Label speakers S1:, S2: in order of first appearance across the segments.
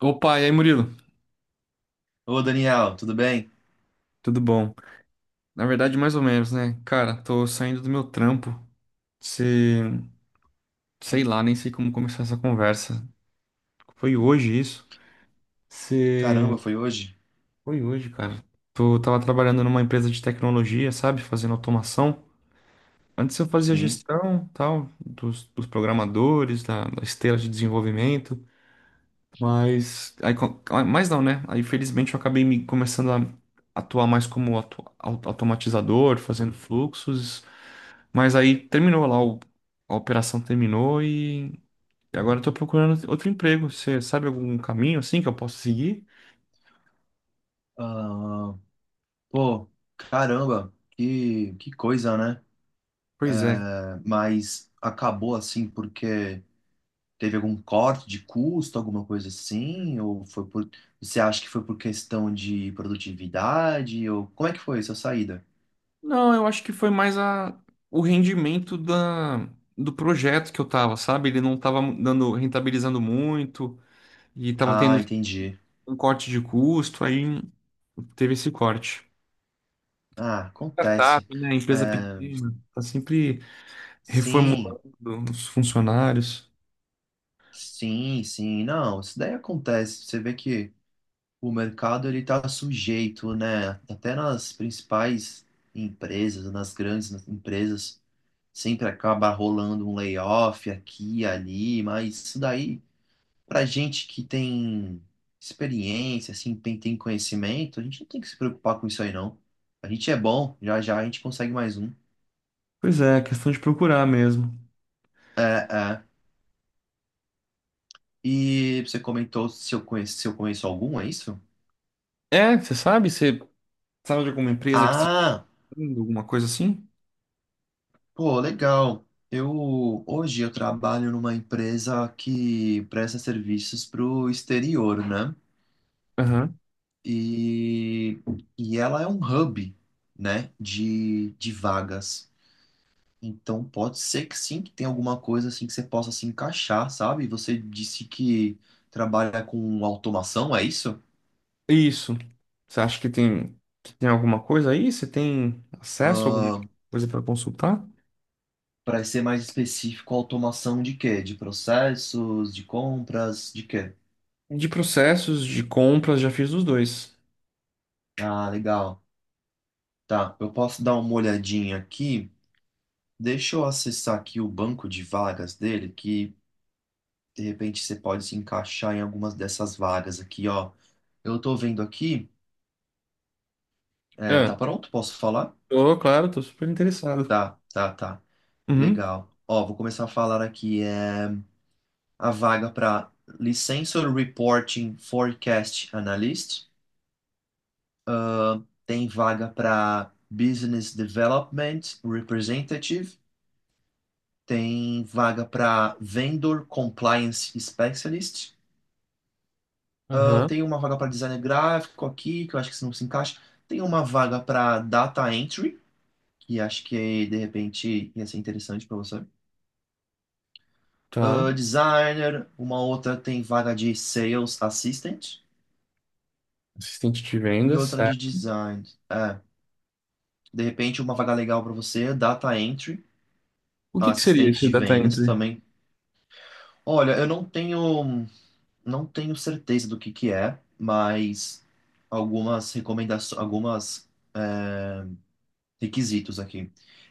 S1: Opa, e aí, Murilo?
S2: Ô, Daniel, tudo bem?
S1: Tudo bom? Na verdade, mais ou menos, né? Cara, tô saindo do meu trampo. Se... sei lá, nem sei como começar essa conversa. Foi hoje isso? Se...
S2: Caramba, foi hoje?
S1: foi hoje, cara. Tô... tava trabalhando numa empresa de tecnologia, sabe? Fazendo automação. Antes eu fazia
S2: Sim.
S1: gestão, tal, dos programadores, da esteira de desenvolvimento. Mas... aí, mas não, né? Aí, felizmente, eu acabei me começando a atuar mais como automatizador, fazendo fluxos. Mas aí terminou lá, a operação terminou e agora eu tô procurando outro emprego. Você sabe algum caminho assim que eu posso seguir?
S2: Ah, pô, caramba, que coisa, né?
S1: Pois é.
S2: Mas acabou assim porque teve algum corte de custo, alguma coisa assim? Ou foi por. Você acha que foi por questão de produtividade? Ou como é que foi essa saída?
S1: Não, eu acho que foi mais a, o rendimento da, do projeto que eu tava, sabe? Ele não tava dando, rentabilizando muito e tava
S2: Ah,
S1: tendo
S2: entendi.
S1: um corte de custo, aí teve esse corte.
S2: Ah,
S1: Startup,
S2: acontece.
S1: né? Empresa
S2: É,
S1: pequena, tá sempre
S2: sim,
S1: reformulando os funcionários.
S2: sim, sim. Não, isso daí acontece. Você vê que. O mercado ele está sujeito, né? Até nas principais empresas, nas grandes empresas, sempre acaba rolando um layoff aqui e ali, mas isso daí, para gente que tem experiência, assim, tem conhecimento, a gente não tem que se preocupar com isso aí, não. A gente é bom, já já a gente consegue mais um.
S1: Pois é, questão de procurar mesmo.
S2: É, é. E você comentou se eu conheço, se eu conheço algum, é isso?
S1: É, você sabe, você sabe de alguma empresa que esteja
S2: Ah!
S1: fazendo alguma coisa assim?
S2: Pô, legal. Eu hoje eu trabalho numa empresa que presta serviços para o exterior, né?
S1: Aham.
S2: E, e ela é um hub, né, de vagas. Então pode ser que sim, que tenha alguma coisa assim que você possa se encaixar, sabe? Você disse que trabalha com automação, é isso?
S1: Isso. Você acha que tem alguma coisa aí? Você tem acesso a alguma coisa para consultar?
S2: Para ser mais específico, automação de quê? De processos, de compras, de quê?
S1: De processos, de compras, já fiz os dois.
S2: Ah, legal. Tá, eu posso dar uma olhadinha aqui. Deixa eu acessar aqui o banco de vagas dele, que de repente você pode se encaixar em algumas dessas vagas aqui, ó. Eu tô vendo aqui. É, tá
S1: Ah,
S2: pronto? Posso falar?
S1: tô, claro, tô super interessado.
S2: Tá, tá, tá.
S1: Uhum.
S2: Legal. Ó, vou começar a falar aqui. É, a vaga para Licensor Reporting Forecast Analyst. Tem vaga para Business Development Representative. Tem vaga para Vendor Compliance Specialist. Eu
S1: Aham,
S2: tenho uma vaga para designer gráfico aqui, que eu acho que isso não se encaixa. Tem uma vaga para data entry, que acho que de repente ia ser interessante para você.
S1: tá.
S2: Designer, uma outra tem vaga de sales assistant
S1: Assistente de
S2: e
S1: vendas,
S2: outra de
S1: certo.
S2: design. É, de repente uma vaga legal para você, data entry,
S1: O que que seria
S2: assistente
S1: esse
S2: de
S1: data
S2: vendas
S1: entry?
S2: também. Olha, eu não tenho certeza do que é, mas algumas recomendações, algumas requisitos aqui.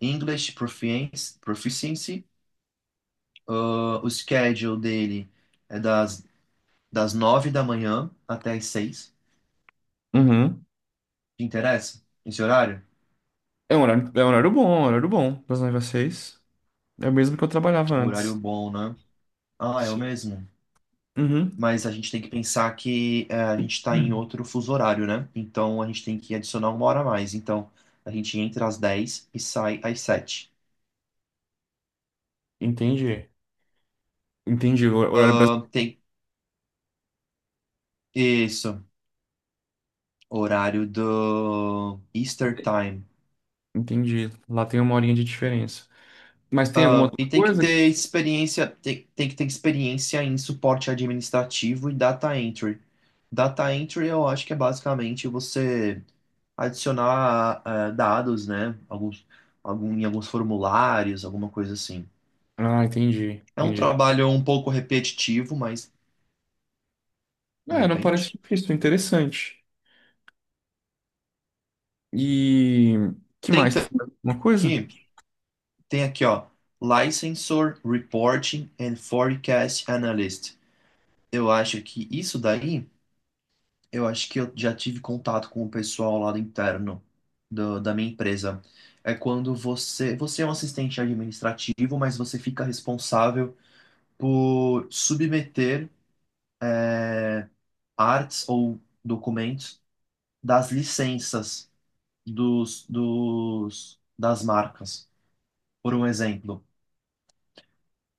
S2: English Proficiency, proficiency, ah, o schedule dele é das 9h da manhã até as 6h.
S1: Uhum.
S2: Te interessa esse horário?
S1: É um horário bom, é um horário bom das 9 às 6. É o mesmo que eu trabalhava
S2: Um horário
S1: antes.
S2: bom, né? Ah, é o
S1: Sim.
S2: mesmo.
S1: Uhum.
S2: Mas a gente tem que pensar que a gente está em
S1: Hum.
S2: outro fuso horário, né? Então a gente tem que adicionar uma hora a mais. Então a gente entra às 10h e sai às 7h.
S1: Entendi. Entendi. O horário
S2: Ah,
S1: brasileiro.
S2: tem isso, horário do Easter Time.
S1: Entendi. Lá tem uma horinha de diferença. Mas tem alguma
S2: Ah,
S1: outra
S2: e tem que
S1: coisa?
S2: ter experiência, tem que ter experiência em suporte administrativo e data entry. Data entry eu acho que é basicamente você adicionar dados, né? Alguns, algum, em alguns formulários, alguma coisa assim.
S1: Ah, entendi,
S2: É um
S1: entendi.
S2: trabalho um pouco repetitivo, mas de
S1: É, não parece
S2: repente.
S1: difícil, interessante. E que
S2: Tem tam-
S1: mais? Uma coisa?
S2: Aqui, tem aqui, ó, Licensor Reporting and Forecast Analyst. Eu acho que isso daí. Eu acho que eu já tive contato com o pessoal lá do interno da minha empresa. É quando você é um assistente administrativo, mas você fica responsável por submeter é, artes ou documentos das licenças das marcas. Por um exemplo,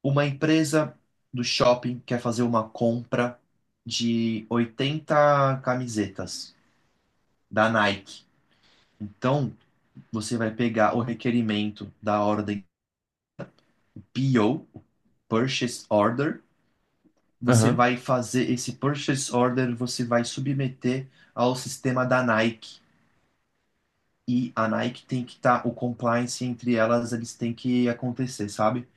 S2: uma empresa do shopping quer fazer uma compra de 80 camisetas da Nike. Então, você vai pegar o requerimento da ordem PO, Purchase Order. Você
S1: Aham.
S2: vai fazer esse Purchase Order, você vai submeter ao sistema da Nike. E a Nike tem que estar, tá, o compliance entre elas, eles têm que acontecer, sabe?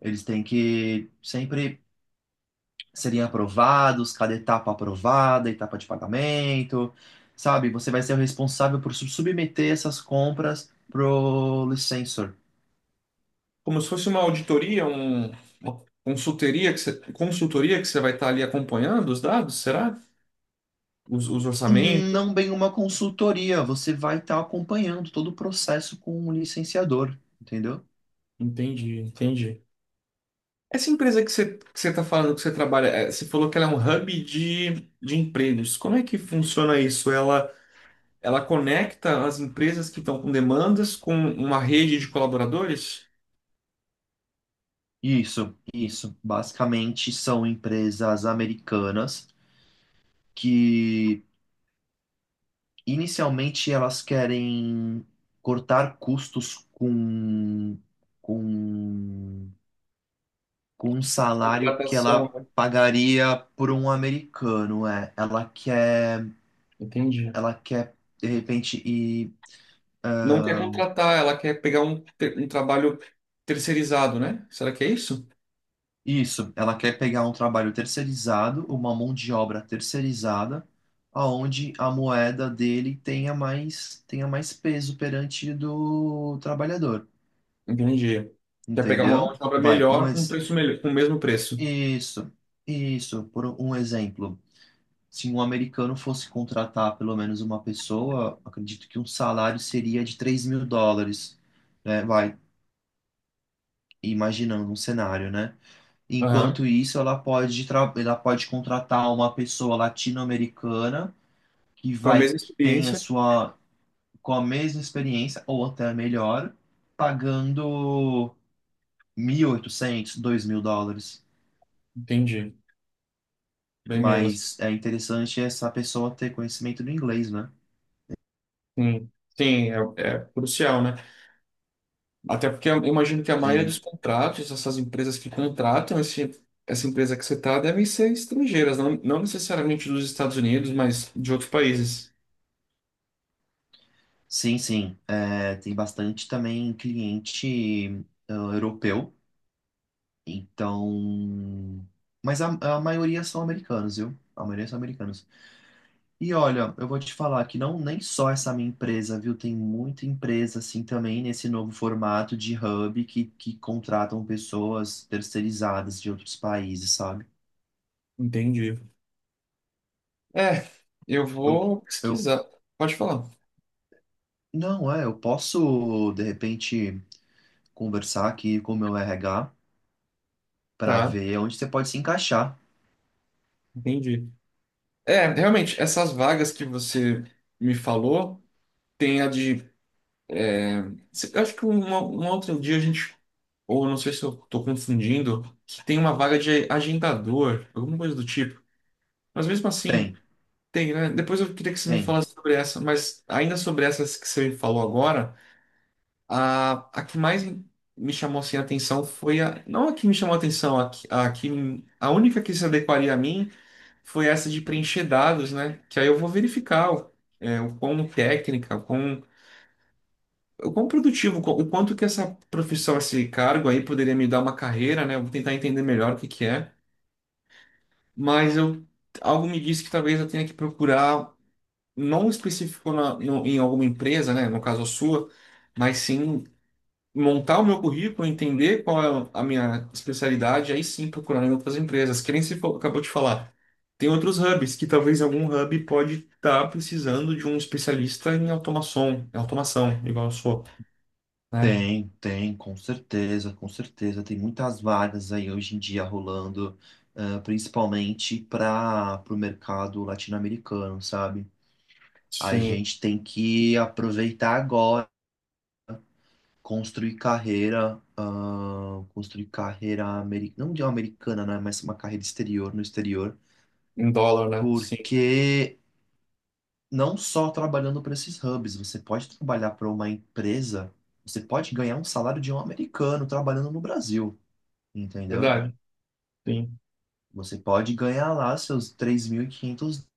S2: Eles têm que sempre serem aprovados, cada etapa aprovada, etapa de pagamento, sabe? Você vai ser o responsável por submeter essas compras pro licensor.
S1: Como se fosse uma auditoria, uma consultoria que você vai estar ali acompanhando os dados, será? Os orçamentos?
S2: Não bem uma consultoria, você vai estar acompanhando todo o processo com um licenciador, entendeu?
S1: Entendi, entendi. Essa empresa que você está falando que você trabalha, você falou que ela é um hub de empregos. Como é que funciona isso? Ela conecta as empresas que estão com demandas com uma rede de colaboradores?
S2: Isso, isso. Basicamente são empresas americanas que inicialmente elas querem cortar custos com, com um salário que
S1: Contratação,
S2: ela
S1: né?
S2: pagaria por um americano, é. Ela quer,
S1: Entendi.
S2: ela quer de repente ir.
S1: Não quer contratar, ela quer pegar um, um trabalho terceirizado, né? Será que é isso?
S2: Isso, ela quer pegar um trabalho terceirizado, uma mão de obra terceirizada, aonde a moeda dele tenha mais peso perante do trabalhador,
S1: Entendi. Quer pegar uma mão
S2: entendeu?
S1: de obra
S2: Vai, um
S1: melhor com um
S2: ex...
S1: preço melhor, com o mesmo preço.
S2: Isso, isso, por um exemplo. Se um americano fosse contratar pelo menos uma pessoa, acredito que um salário seria de US$ 3.000, né? Vai, imaginando um cenário, né?
S1: Aham.
S2: Enquanto isso, ela pode, ela pode contratar uma pessoa latino-americana que
S1: Com a
S2: vai
S1: mesma
S2: que tem a
S1: experiência.
S2: sua com a mesma experiência ou até melhor, pagando US$ 1.800 a US$ 2.000.
S1: Entendi. Bem menos.
S2: Mas é interessante essa pessoa ter conhecimento do inglês, né?
S1: Sim, sim, é, é crucial, né? Até porque eu imagino que a maioria dos
S2: Sim,
S1: contratos, essas empresas que contratam esse, essa empresa que você está, devem ser estrangeiras, não, não necessariamente dos Estados Unidos, mas de outros países.
S2: sim, sim. É, tem bastante também cliente europeu. Então, mas a, a maioria são americanos, viu? A maioria são americanos. E olha, eu vou te falar que não nem só essa minha empresa, viu? Tem muita empresa assim também nesse novo formato de hub que contratam pessoas terceirizadas de outros países, sabe?
S1: Entendi. É, eu
S2: Eu,
S1: vou
S2: eu
S1: pesquisar. Pode falar.
S2: não é, eu posso de repente conversar aqui com o meu RH para
S1: Tá,
S2: ver onde você pode se encaixar.
S1: entendi. É, realmente, essas vagas que você me falou, tem a de... eu acho que um outro dia a gente... ou não sei se eu estou confundindo, que tem uma vaga de agendador, alguma coisa do tipo. Mas mesmo assim.
S2: Tem,
S1: Tem, né? Depois eu queria que você me
S2: tem.
S1: falasse sobre essa, mas ainda sobre essas que você falou agora, a que mais me chamou assim, a atenção foi a... não a que me chamou a atenção, a, que- a, que, a única que se adequaria a mim foi essa de preencher dados, né? Que aí eu vou verificar o, é, o quão técnica, o quão produtivo, o quão- o quanto que essa profissão, esse cargo aí poderia me dar uma carreira, né? Eu vou tentar entender melhor o que que é, mas eu... algo me disse que talvez eu tenha que procurar, não específico em alguma empresa, né, no caso a sua, mas sim montar o meu currículo, entender qual é a minha especialidade, aí sim procurar em outras empresas. Que nem você acabou de falar. Tem outros hubs que talvez algum hub pode estar precisando de um especialista em automação, igual eu sou, né?
S2: Tem, tem, com certeza, com certeza. Tem muitas vagas aí hoje em dia rolando, principalmente para o mercado latino-americano, sabe? A
S1: Sim,
S2: gente tem que aproveitar agora, construir carreira, não de uma americana, né? Mas uma carreira exterior, no exterior,
S1: em dólar, né? Sim,
S2: porque não só trabalhando para esses hubs, você pode trabalhar para uma empresa, você pode ganhar um salário de um americano trabalhando no Brasil, entendeu?
S1: verdade. Sim.
S2: Você pode ganhar lá seus 3.500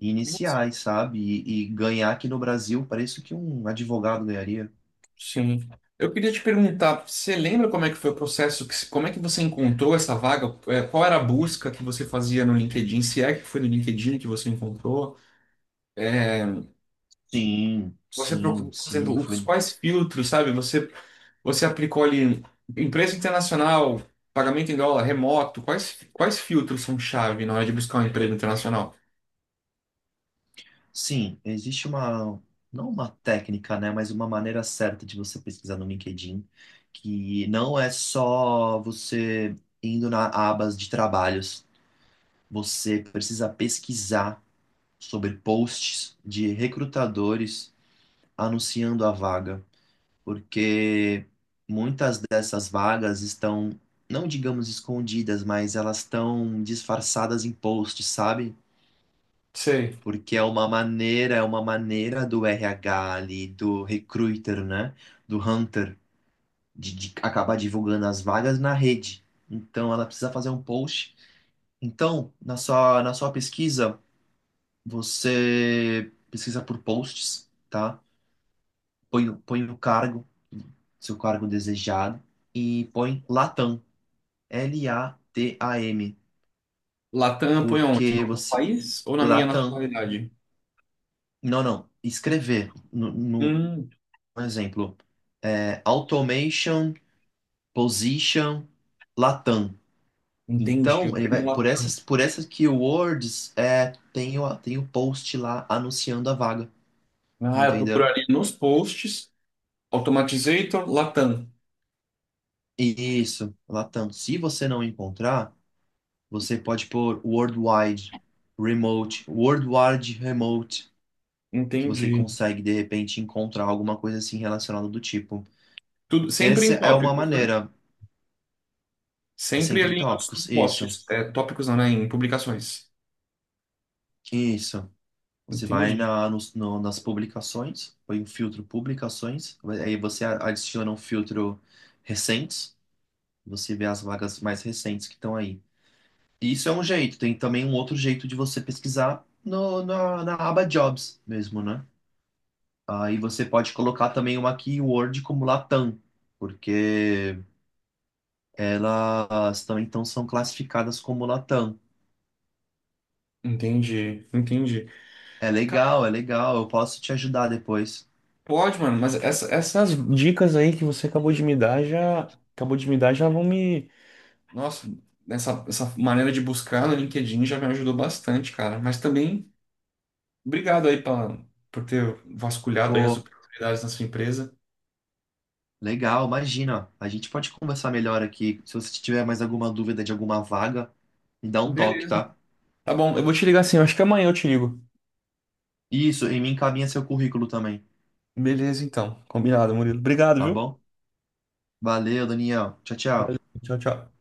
S2: iniciais, sabe? E ganhar aqui no Brasil o preço que um advogado ganharia.
S1: Sim. Eu queria te perguntar, você lembra como é que foi o processo, que- como é que você encontrou essa vaga? É, qual era a busca que você fazia no LinkedIn? Se é que foi no LinkedIn que você encontrou?
S2: Sim,
S1: Você procurou,
S2: sim,
S1: por
S2: sim,
S1: exemplo, os
S2: foi.
S1: quais filtros, sabe? Você, você aplicou ali empresa internacional, pagamento em dólar, remoto, quais filtros são chave na hora de buscar um emprego internacional?
S2: Sim, existe não uma técnica, né, mas uma maneira certa de você pesquisar no LinkedIn, que não é só você indo na abas de trabalhos. Você precisa pesquisar sobre posts de recrutadores anunciando a vaga, porque muitas dessas vagas estão, não digamos escondidas, mas elas estão disfarçadas em posts, sabe?
S1: Sei.
S2: Porque é uma maneira do RH ali, do recruiter, né? Do hunter, de acabar divulgando as vagas na rede. Então ela precisa fazer um post. Então, na sua pesquisa, você pesquisa por posts, tá? Põe, põe o cargo, seu cargo desejado, e põe Latam. L-A-T-A-M,
S1: Latam põe onde?
S2: porque
S1: No
S2: você.
S1: país ou na minha
S2: Latam.
S1: nacionalidade?
S2: Não, não. Escrever, no
S1: Hum,
S2: um exemplo. É, automation, position, Latam.
S1: entendi. Eu
S2: Então, ele
S1: fui no
S2: vai,
S1: Latam.
S2: por essas keywords, tem o, tem o post lá anunciando a vaga,
S1: Ah, eu
S2: entendeu?
S1: procuraria nos posts. Automatizator, Latam.
S2: Isso, Latam. Se você não encontrar, você pode pôr worldwide, remote, worldwide remote. Que você
S1: Entendi.
S2: consegue de repente encontrar alguma coisa assim relacionada do tipo.
S1: Tudo, sempre
S2: Essa
S1: em
S2: é uma
S1: tópicos, né?
S2: maneira,
S1: Sempre
S2: sempre em
S1: ali nos, nos
S2: tópicos, isso,
S1: posts. É, tópicos não, né? Em publicações.
S2: isso. Você vai
S1: Entendi.
S2: na, nos- no- nas publicações, põe um filtro publicações, aí você adiciona um filtro recentes, você vê as vagas mais recentes que estão aí. Isso é um jeito, tem também um outro jeito de você pesquisar no, na, na aba Jobs mesmo, né? Aí você pode colocar também uma keyword como Latam, porque elas também então são classificadas como Latam.
S1: Entendi. Entendi. Ca-
S2: É legal, eu posso te ajudar depois.
S1: Pode, mano, mas essas dicas aí que você acabou de me dar já. Acabou de me dar já vão me... nossa, essa maneira de buscar no LinkedIn já me ajudou bastante, cara. Mas também, obrigado aí pra, por ter vasculhado aí as
S2: Pô,
S1: oportunidades na sua empresa.
S2: legal, imagina, a gente pode conversar melhor aqui. Se você tiver mais alguma dúvida de alguma vaga, me dá um toque,
S1: Beleza.
S2: tá?
S1: Tá bom, eu vou te ligar assim eu acho que amanhã eu te ligo.
S2: Isso, e me encaminha seu currículo também,
S1: Beleza, então. Combinado, Murilo. Obrigado,
S2: tá
S1: viu?
S2: bom? Valeu, Daniel. Tchau, tchau.
S1: Valeu. Tchau, tchau.